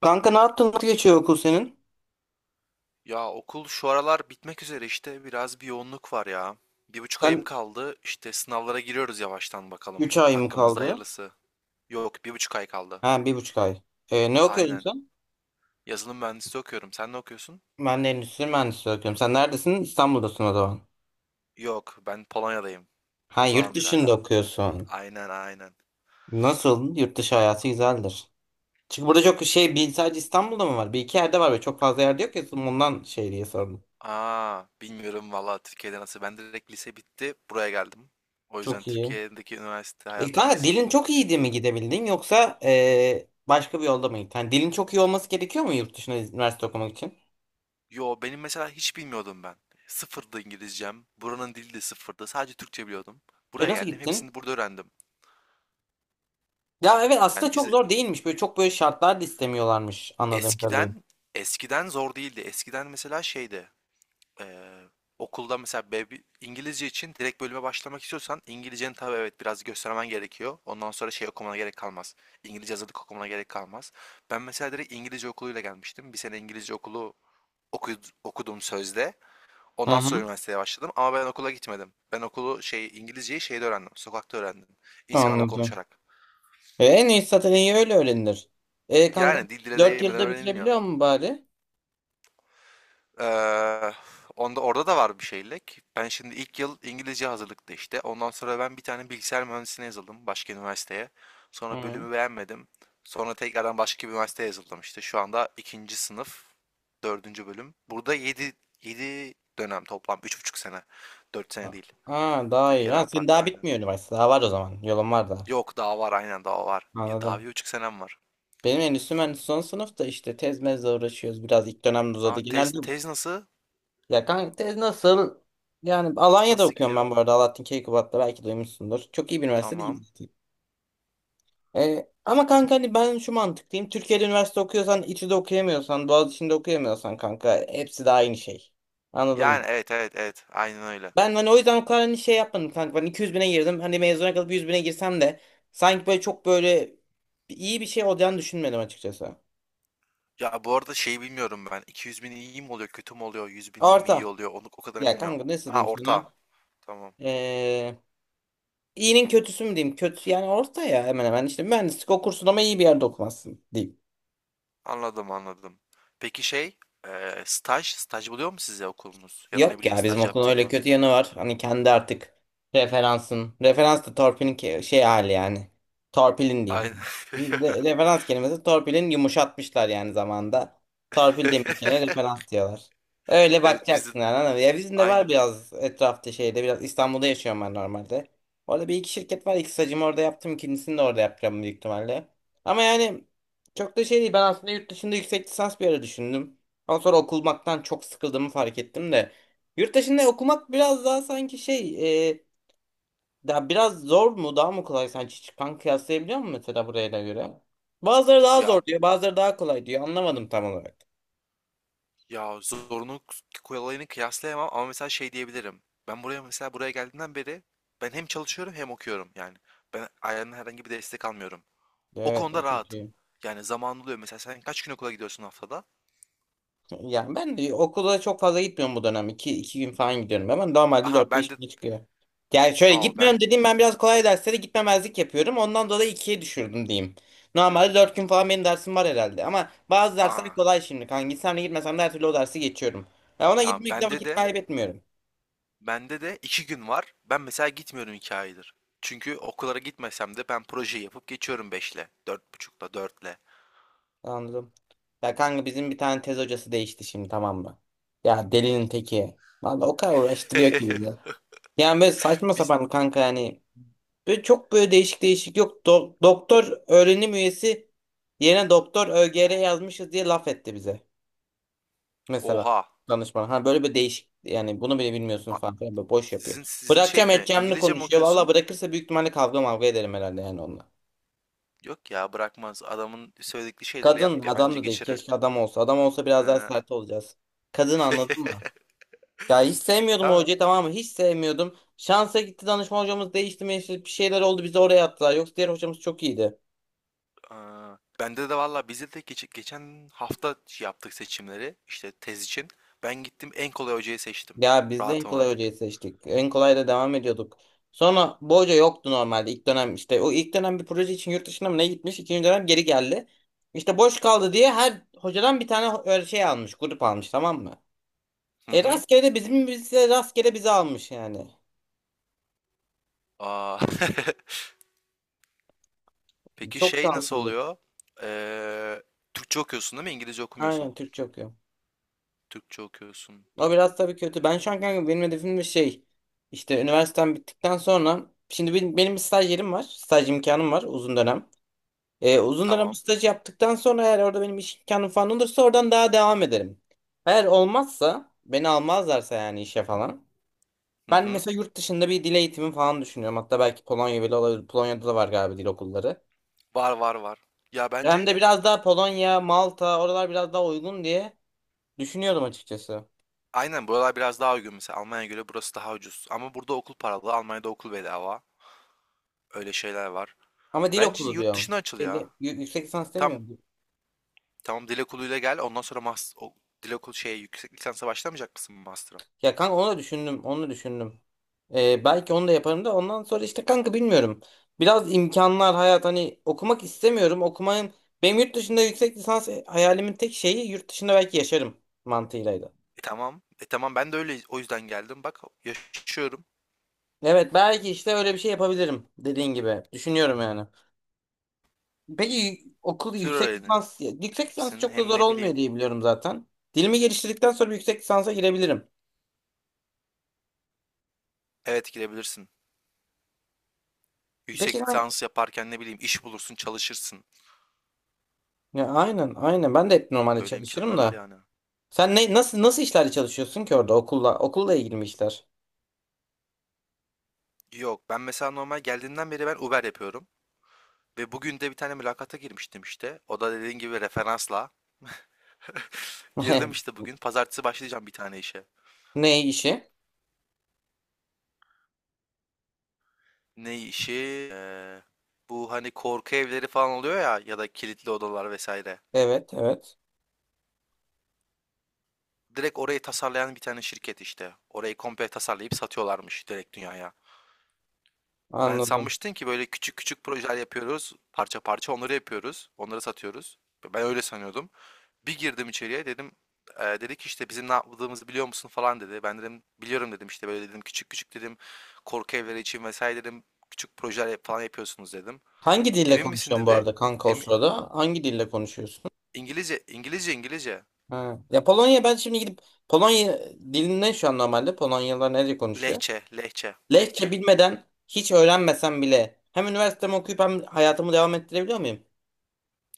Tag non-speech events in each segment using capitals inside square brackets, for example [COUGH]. Kanka ne yaptın? Nasıl geçiyor okul senin? Ya okul şu aralar bitmek üzere işte biraz yoğunluk var ya. Bir buçuk ayım Sen kaldı işte sınavlara giriyoruz yavaştan bakalım 3 ay mı hakkımızda kaldı? hayırlısı. Yok bir buçuk ay kaldı. Ha 1,5 ay. Ne okuyorsun Aynen. sen? Yazılım mühendisliği okuyorum. Sen ne okuyorsun? Ben de endüstri mühendisliği okuyorum. Sen neredesin? İstanbul'dasın o zaman. Yok ben Polonya'dayım. Ha yurt Uzağım dışında biraz. okuyorsun. Aynen. Nasıl? Yurt dışı hayatı güzeldir. Çünkü burada çok şey bir sadece İstanbul'da mı var? Bir iki yerde var ve çok fazla yerde yok ya. Ondan şey diye sordum. Aa bilmiyorum valla Türkiye'de nasıl. Ben direkt lise bitti buraya geldim. O yüzden Çok iyi. Türkiye'deki üniversite E hayatı kanka nasıl dilin çok iyiydi mi bilmiyorum. gidebildin yoksa başka bir yolda mı gittin? Hani dilin çok iyi olması gerekiyor mu yurt dışına üniversite okumak için? Yo benim mesela hiç bilmiyordum ben. Sıfırdı İngilizcem. Buranın dili de sıfırdı. Sadece Türkçe biliyordum. Buraya Nasıl geldim. gittin? Hepsini burada öğrendim. Ya evet aslında Yani çok vize zor değilmiş. Böyle çok böyle şartlar da istemiyorlarmış anladığım kadarıyla. eskiden eskiden zor değildi. Eskiden mesela şeydi. eee, Okulda mesela B1 İngilizce için direkt bölüme başlamak istiyorsan İngilizceni tabii evet biraz göstermen gerekiyor. Ondan sonra şey okumana gerek kalmaz. İngilizce hazırlık okumana gerek kalmaz. Ben mesela direkt İngilizce okuluyla gelmiştim. Bir sene İngilizce okulu okudum sözde. Hı Ondan sonra hı, üniversiteye başladım ama ben okula gitmedim. Ben okulu şey İngilizceyi şeyde öğrendim. Sokakta öğrendim. İnsanlarla anladım. konuşarak. En iyisi zaten iyi Dil- öyle öğrenilir. Kanka Yani dil dile 4 değmeden yılda öğrenilmiyor. bitirebiliyor mu bari? Ee, Onda orada da var bir şeylik. Ben şimdi ilk yıl İngilizce hazırlıkta işte. Ondan sonra ben bir tane bilgisayar mühendisliğine yazıldım başka üniversiteye. Sonra Hı. bölümü beğenmedim. Sonra tekrardan başka bir üniversiteye yazıldım işte. Şu anda ikinci sınıf, dördüncü bölüm. Burada yedi dönem toplam. Üç buçuk sene. Dört sene değil. Aa, daha iyi. Ha, Türkiye'den senin farklı daha aynı. bitmiyor üniversite. Daha var o zaman. Yolun var da. Yok daha var aynen daha var. Bir daha Anladım. bir buçuk senem var. Benim endüstri mühendisliği son sınıfta işte tez mezle uğraşıyoruz. Biraz ilk dönemde uzadı. Aa tez Genelde tez nasıl? ya kanka tez nasıl? Yani Alanya'da Nasıl okuyorum ben gidiyor? bu arada. Alaaddin Keykubat'ta belki duymuşsundur. Çok iyi bir üniversite Tamam. değil. Ama kanka hani ben şu mantıktayım. Türkiye'de üniversite okuyorsan, İTÜ'de okuyamıyorsan, Boğaziçi'nde okuyamıyorsan kanka hepsi de aynı şey. Anladın Yani mı? evet aynen öyle. Ben hani o yüzden o kadar hani şey yapmadım kanka. Ben 200 bine girdim. Hani mezuna kalıp 100 bine girsem de sanki böyle çok böyle iyi bir şey olacağını düşünmedim açıkçası. Ya bu arada şey bilmiyorum ben. 200 bin iyi mi oluyor kötü mü oluyor? 100 bin mi iyi Orta. oluyor? Onu o kadarını Ya bilmiyorum. kanka nasıl Ha diyeyim orta. sana? Tamam. Ee, iyinin kötüsü mü diyeyim? Kötü yani orta ya, hemen hemen. İşte mühendislik okursun ama iyi bir yerde okumazsın diyeyim. Anladım. Peki şey staj buluyor mu size okulunuz? Ya da ne Yok bileyim ya, bizim staj okulun yaptın öyle mı? kötü yanı var. Hani kendi artık referansın. Referans da torpilin şey hali yani. Torpilin Aynen. diyeyim. [LAUGHS] Referans kelimesi torpilin yumuşatmışlar yani zamanda. Torpil demek yerine referans diyorlar. Öyle Evet bizim bakacaksın yani. Anladın mı? Ya bizim de var aynen. biraz etrafta şeyde, biraz İstanbul'da yaşıyorum ben normalde. Orada bir iki şirket var. İki stajımı orada yaptım. İkincisini de orada yapacağım büyük ihtimalle. Ama yani çok da şey değil. Ben aslında yurt dışında yüksek lisans bir ara düşündüm. Ama sonra okumaktan çok sıkıldığımı fark ettim de. Yurt dışında okumak biraz daha sanki şey daha biraz zor mu daha mı kolay, sen hiç kıyaslayabiliyor musun mesela buraya da göre? Bazıları daha Ya zor diyor, bazıları daha kolay diyor, anlamadım tam olarak. Ya zorunluluk kolayını kıyaslayamam ama mesela şey diyebilirim. Ben mesela buraya geldiğimden beri ben hem çalışıyorum hem okuyorum yani. Ben ailemden herhangi bir destek almıyorum. O Evet, konuda o çok rahatım. iyi. Yani zaman oluyor mesela sen kaç gün okula gidiyorsun haftada? Yani ben de okula çok fazla gitmiyorum bu dönem. İki gün falan gidiyorum ama normalde Aha dört ben beş de güne çıkıyor. Yani şöyle aa ben gitmiyorum dediğim, ben biraz kolay derslere gitmemezlik yapıyorum. Ondan dolayı ikiye düşürdüm diyeyim. Normalde 4 gün falan benim dersim var herhalde. Ama bazı aa dersler kolay şimdi. Kanka gitsem de gitmesem de her türlü o dersi geçiyorum. Ya, ona tamam gitmekle bende vakit de kaybetmiyorum. bende de iki gün var. Ben mesela gitmiyorum iki aydır. Çünkü okullara gitmesem de ben projeyi yapıp geçiyorum beşle, dört buçukla, dörtle. Anladım. Ya kanka bizim bir tane tez hocası değişti şimdi, tamam mı? Ya delinin teki. Vallahi o kadar uğraştırıyor ki bizi. [LAUGHS] Yani böyle saçma Biz sapan kanka yani. Böyle çok böyle değişik değişik yok. Doktor öğrenim üyesi yerine doktor ÖGR yazmışız diye laf etti bize. Mesela oha. danışman. Ha böyle bir değişik yani, bunu bile A- bilmiyorsunuz falan filan, böyle boş yapıyor. sizin şey Bırakacağım mi? edeceğimini İngilizce mi konuşuyor. Valla okuyorsun? bırakırsa büyük ihtimalle kavga mavga ederim herhalde yani onunla. Yok ya bırakmaz. Adamın söyledikleri şeyleri Kadın yap da, ya adam bence da değil. geçirir. Keşke adam olsa. Adam olsa biraz daha Ee, sert olacağız. Kadın, anladın mı? [LAUGHS] Ya hiç sevmiyordum o tamam. hocayı, tamam mı? Hiç sevmiyordum. Şansa gitti, danışma hocamız değişti, meşhur bir şeyler oldu, bizi oraya attılar. Yoksa diğer hocamız çok iyiydi. Ee, Bende de valla bizde de geçen hafta şey yaptık seçimleri işte tez için. Ben gittim en kolay hocayı seçtim. Ya biz de en Rahatım kolay artık. hocayı seçtik. En kolay da devam ediyorduk. Sonra bu hoca yoktu normalde ilk dönem işte. O ilk dönem bir proje için yurt dışına mı ne gitmiş? İkinci dönem geri geldi. İşte boş kaldı diye her hocadan bir tane öyle şey almış. Grup almış, tamam mı? Hı hı. Rastgele de bizim bize rastgele bizi almış yani. Aa. [LAUGHS] Peki Çok şey nasıl şanssızlık. oluyor? Ee, Türkçe okuyorsun değil mi? İngilizce okumuyorsun. Aynen Türkçe okuyor. Türkçe okuyorsun. O biraz tabii kötü. Ben şu an kanka benim hedefim bir şey. İşte üniversitem bittikten sonra şimdi benim bir staj yerim var. Staj imkanım var uzun dönem. Uzun dönem Tamam. staj yaptıktan sonra eğer orada benim iş imkanım falan olursa oradan daha devam ederim. Eğer olmazsa, beni almazlarsa yani işe falan. Hı Ben hı. mesela yurt dışında bir dil eğitimi falan düşünüyorum. Hatta belki Polonya bile olabilir. Polonya'da da var galiba dil okulları. Var. Ya Hem bence de biraz daha Polonya, Malta oralar biraz daha uygun diye düşünüyordum açıkçası. aynen buralar biraz daha uygun mesela Almanya'ya göre burası daha ucuz. Ama burada okul paralı, Almanya'da okul bedava. Öyle şeyler var. Ama dil Bence okulu yurt diyorum. dışına açıl Şeyde, ya. Yüksek lisans Tam demiyorum. tamam dil okuluyla gel ondan sonra mas o, dil okulu şeye yüksek lisansa başlamayacak mısın master'a? Ya kanka onu da düşündüm. Onu da düşündüm. Belki onu da yaparım da ondan sonra işte kanka bilmiyorum. Biraz imkanlar hayat, hani okumak istemiyorum. Okumayın. Benim yurt dışında yüksek lisans hayalimin tek şeyi yurt dışında belki yaşarım mantığıylaydı. E tamam. E tamam ben de öyle o yüzden geldim. Bak yaşıyorum. Evet, belki işte öyle bir şey yapabilirim dediğin gibi. Düşünüyorum yani. Peki okul, Tür yüksek lisans öğrenirsin yüksek lisans çok da hem zor ne bileyim. olmuyor diye biliyorum zaten. Dilimi geliştirdikten sonra bir yüksek lisansa girebilirim. Evet girebilirsin. Peki Yüksek ben, lisans yaparken ne bileyim iş bulursun çalışırsın. ya aynen aynen, ben de hep normalde Öyle çalışırım imkanlar var da. yani. Sen ne, nasıl işlerle çalışıyorsun ki orada okulla ilgili mi işler? Yok ben mesela normal geldiğinden beri ben Uber yapıyorum. Ve bugün de bir tane mülakata girmiştim işte. O da dediğin gibi referansla. Girdim işte [LAUGHS] bugün. Pazartesi başlayacağım bir tane işe. Ne işi? Ne işi? Bu hani korku evleri falan oluyor ya ya da kilitli odalar vesaire. Evet, evet. Direkt orayı tasarlayan bir tane şirket işte. Orayı komple tasarlayıp satıyorlarmış direkt dünyaya. Ben Anladım. sanmıştım ki böyle küçük küçük projeler yapıyoruz. Parça parça onları yapıyoruz. Onları satıyoruz. Ben öyle sanıyordum. Bir girdim içeriye dedim dedi ki işte bizim ne yaptığımızı biliyor musun falan dedi. Ben dedim biliyorum dedim işte böyle dedim küçük küçük dedim korku evleri için vesaire dedim küçük projeler falan yapıyorsunuz dedim. Hangi dille Emin misin konuşuyorsun bu dedi. arada kanka o Em- sırada? Hangi dille konuşuyorsun? İngilizce. Ha. Ya Polonya, ben şimdi gidip Polonya dilinde şu an normalde Polonyalılar nerede konuşuyor? lehçe lehçe Lehçe lehçe. bilmeden hiç öğrenmesem bile hem üniversitemi okuyup hem hayatımı devam ettirebiliyor muyum?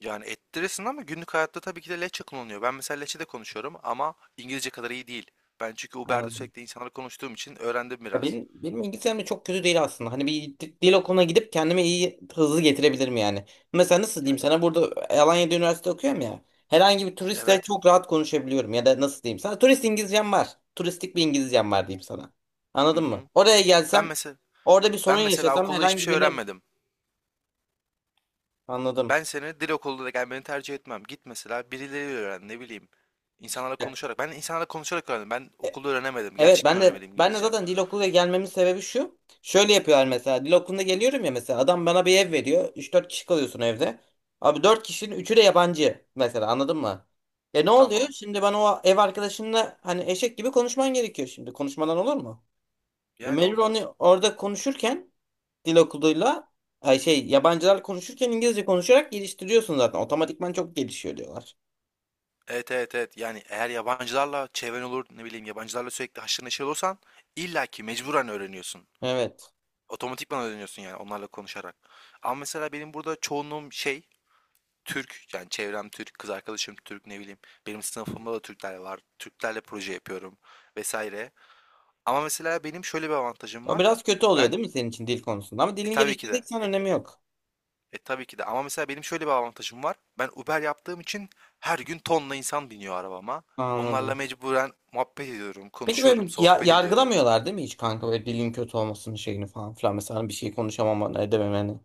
Yani ettirirsin ama günlük hayatta tabii ki de lehçe kullanılıyor. Ben mesela lehçede konuşuyorum ama İngilizce kadar iyi değil. Ben çünkü Uber'de Anladım. sürekli insanlarla konuştuğum için öğrendim Ya biraz. benim İngilizcem de çok kötü değil aslında. Hani bir dil okuluna gidip kendime iyi hızlı getirebilirim yani. Mesela nasıl diyeyim Yani sana, burada Alanya'da üniversite okuyorum ya. Herhangi bir turistle evet. çok rahat konuşabiliyorum, ya da nasıl diyeyim sana. Turist İngilizcem var. Turistik bir İngilizcem var diyeyim sana. Hı Anladın mı? hı. Oraya Ben gelsem, mesela orada bir sorun ben mesela yaşasam okulda hiçbir herhangi şey birine, öğrenmedim. anladım. Ben senin dil okuluna gelmeni tercih etmem. Git mesela birileriyle öğren ne bileyim. İnsanlarla konuşarak. Ben insanlarla konuşarak öğrendim. Ben okulda öğrenemedim. Evet, ben Gerçekten de öğrenemedim ben de İngilizce. zaten dil okuluna gelmemin sebebi şu. Şöyle yapıyorlar mesela, dil okuluna geliyorum ya, mesela adam bana bir ev veriyor. Üç dört kişi kalıyorsun evde. Abi 4 kişinin üçü de yabancı mesela, anladın mı? Ne oluyor? Tamam. Şimdi ben o ev arkadaşımla hani eşek gibi konuşman gerekiyor şimdi. Konuşmadan olur mu? Yani Mecbur olmaz. onu orada konuşurken, dil okuluyla, ay şey, yabancılar konuşurken İngilizce konuşarak geliştiriyorsun zaten. Otomatikman çok gelişiyor diyorlar. Evet. Yani eğer yabancılarla çevren olur ne bileyim yabancılarla sürekli haşır neşir olursan illaki mecburen öğreniyorsun. Evet. Otomatikman öğreniyorsun yani onlarla konuşarak. Ama mesela benim burada çoğunluğum şey Türk yani çevrem Türk, kız arkadaşım Türk ne bileyim. Benim sınıfımda da Türkler var. Türklerle proje yapıyorum vesaire. Ama mesela benim şöyle bir avantajım O var. biraz kötü oluyor Ben değil mi senin için, dil konusunda? Ama e dilini tabii ki de geliştirdiksen e, önemi yok. e, tabii ki de ama mesela benim şöyle bir avantajım var. Ben Uber yaptığım için her gün tonla insan biniyor arabama. Onlarla Anladım. mecburen muhabbet ediyorum, Peki böyle konuşuyorum, sohbet ediyorum. yargılamıyorlar değil mi hiç kanka, böyle dilin kötü olmasının şeyini falan filan, mesela bir şey konuşamamanı edememeni.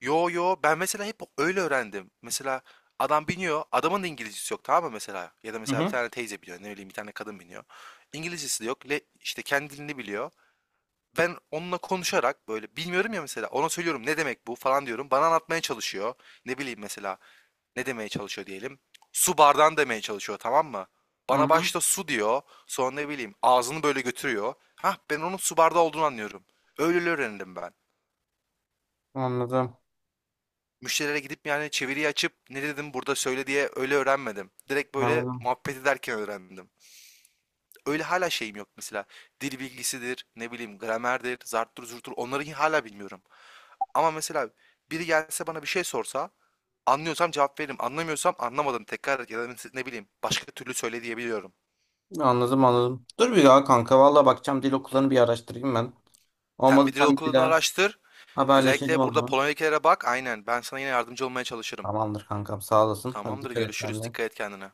Yo ben mesela hep öyle öğrendim. Mesela adam biniyor, adamın da İngilizcesi yok tamam mı mesela? Ya da Hı mesela bir hı. tane teyze biniyor, ne bileyim bir tane kadın biniyor. İngilizcesi de yok, le, işte kendi dilini biliyor. Ben onunla konuşarak, böyle, bilmiyorum ya mesela, ona söylüyorum, "Ne demek bu?" falan diyorum. Bana anlatmaya çalışıyor. Ne bileyim mesela, ne demeye çalışıyor diyelim. Su bardağını demeye çalışıyor, tamam mı? Hı Bana hı. başta su diyor, sonra ne bileyim ağzını böyle götürüyor. Hah, ben onun su bardağı olduğunu anlıyorum. Öyle öğrendim ben. Anladım. Müşterilere gidip yani çeviriyi açıp ne dedim burada söyle diye öyle öğrenmedim. Direkt böyle Anladım. muhabbet ederken öğrendim. Öyle hala şeyim yok mesela. Dil bilgisidir, ne bileyim gramerdir, zarttır zurttur onları hala bilmiyorum. Ama mesela biri gelse bana bir şey sorsa anlıyorsam cevap veririm. Anlamıyorsam anlamadım tekrar et ya da ne bileyim başka türlü söyle diyebiliyorum. Anladım, anladım. Dur bir daha kanka, valla bakacağım dil okullarını, bir araştırayım ben. Sen bir Olmadı dil sen, bir okulunu daha araştır. haberleşelim Özellikle o burada zaman. Polonya'dakilere bak. Aynen ben sana yine yardımcı olmaya çalışırım. Tamamdır kankam, sağ olasın. Hadi Tamamdır dikkat et görüşürüz. kendine. Dikkat et kendine.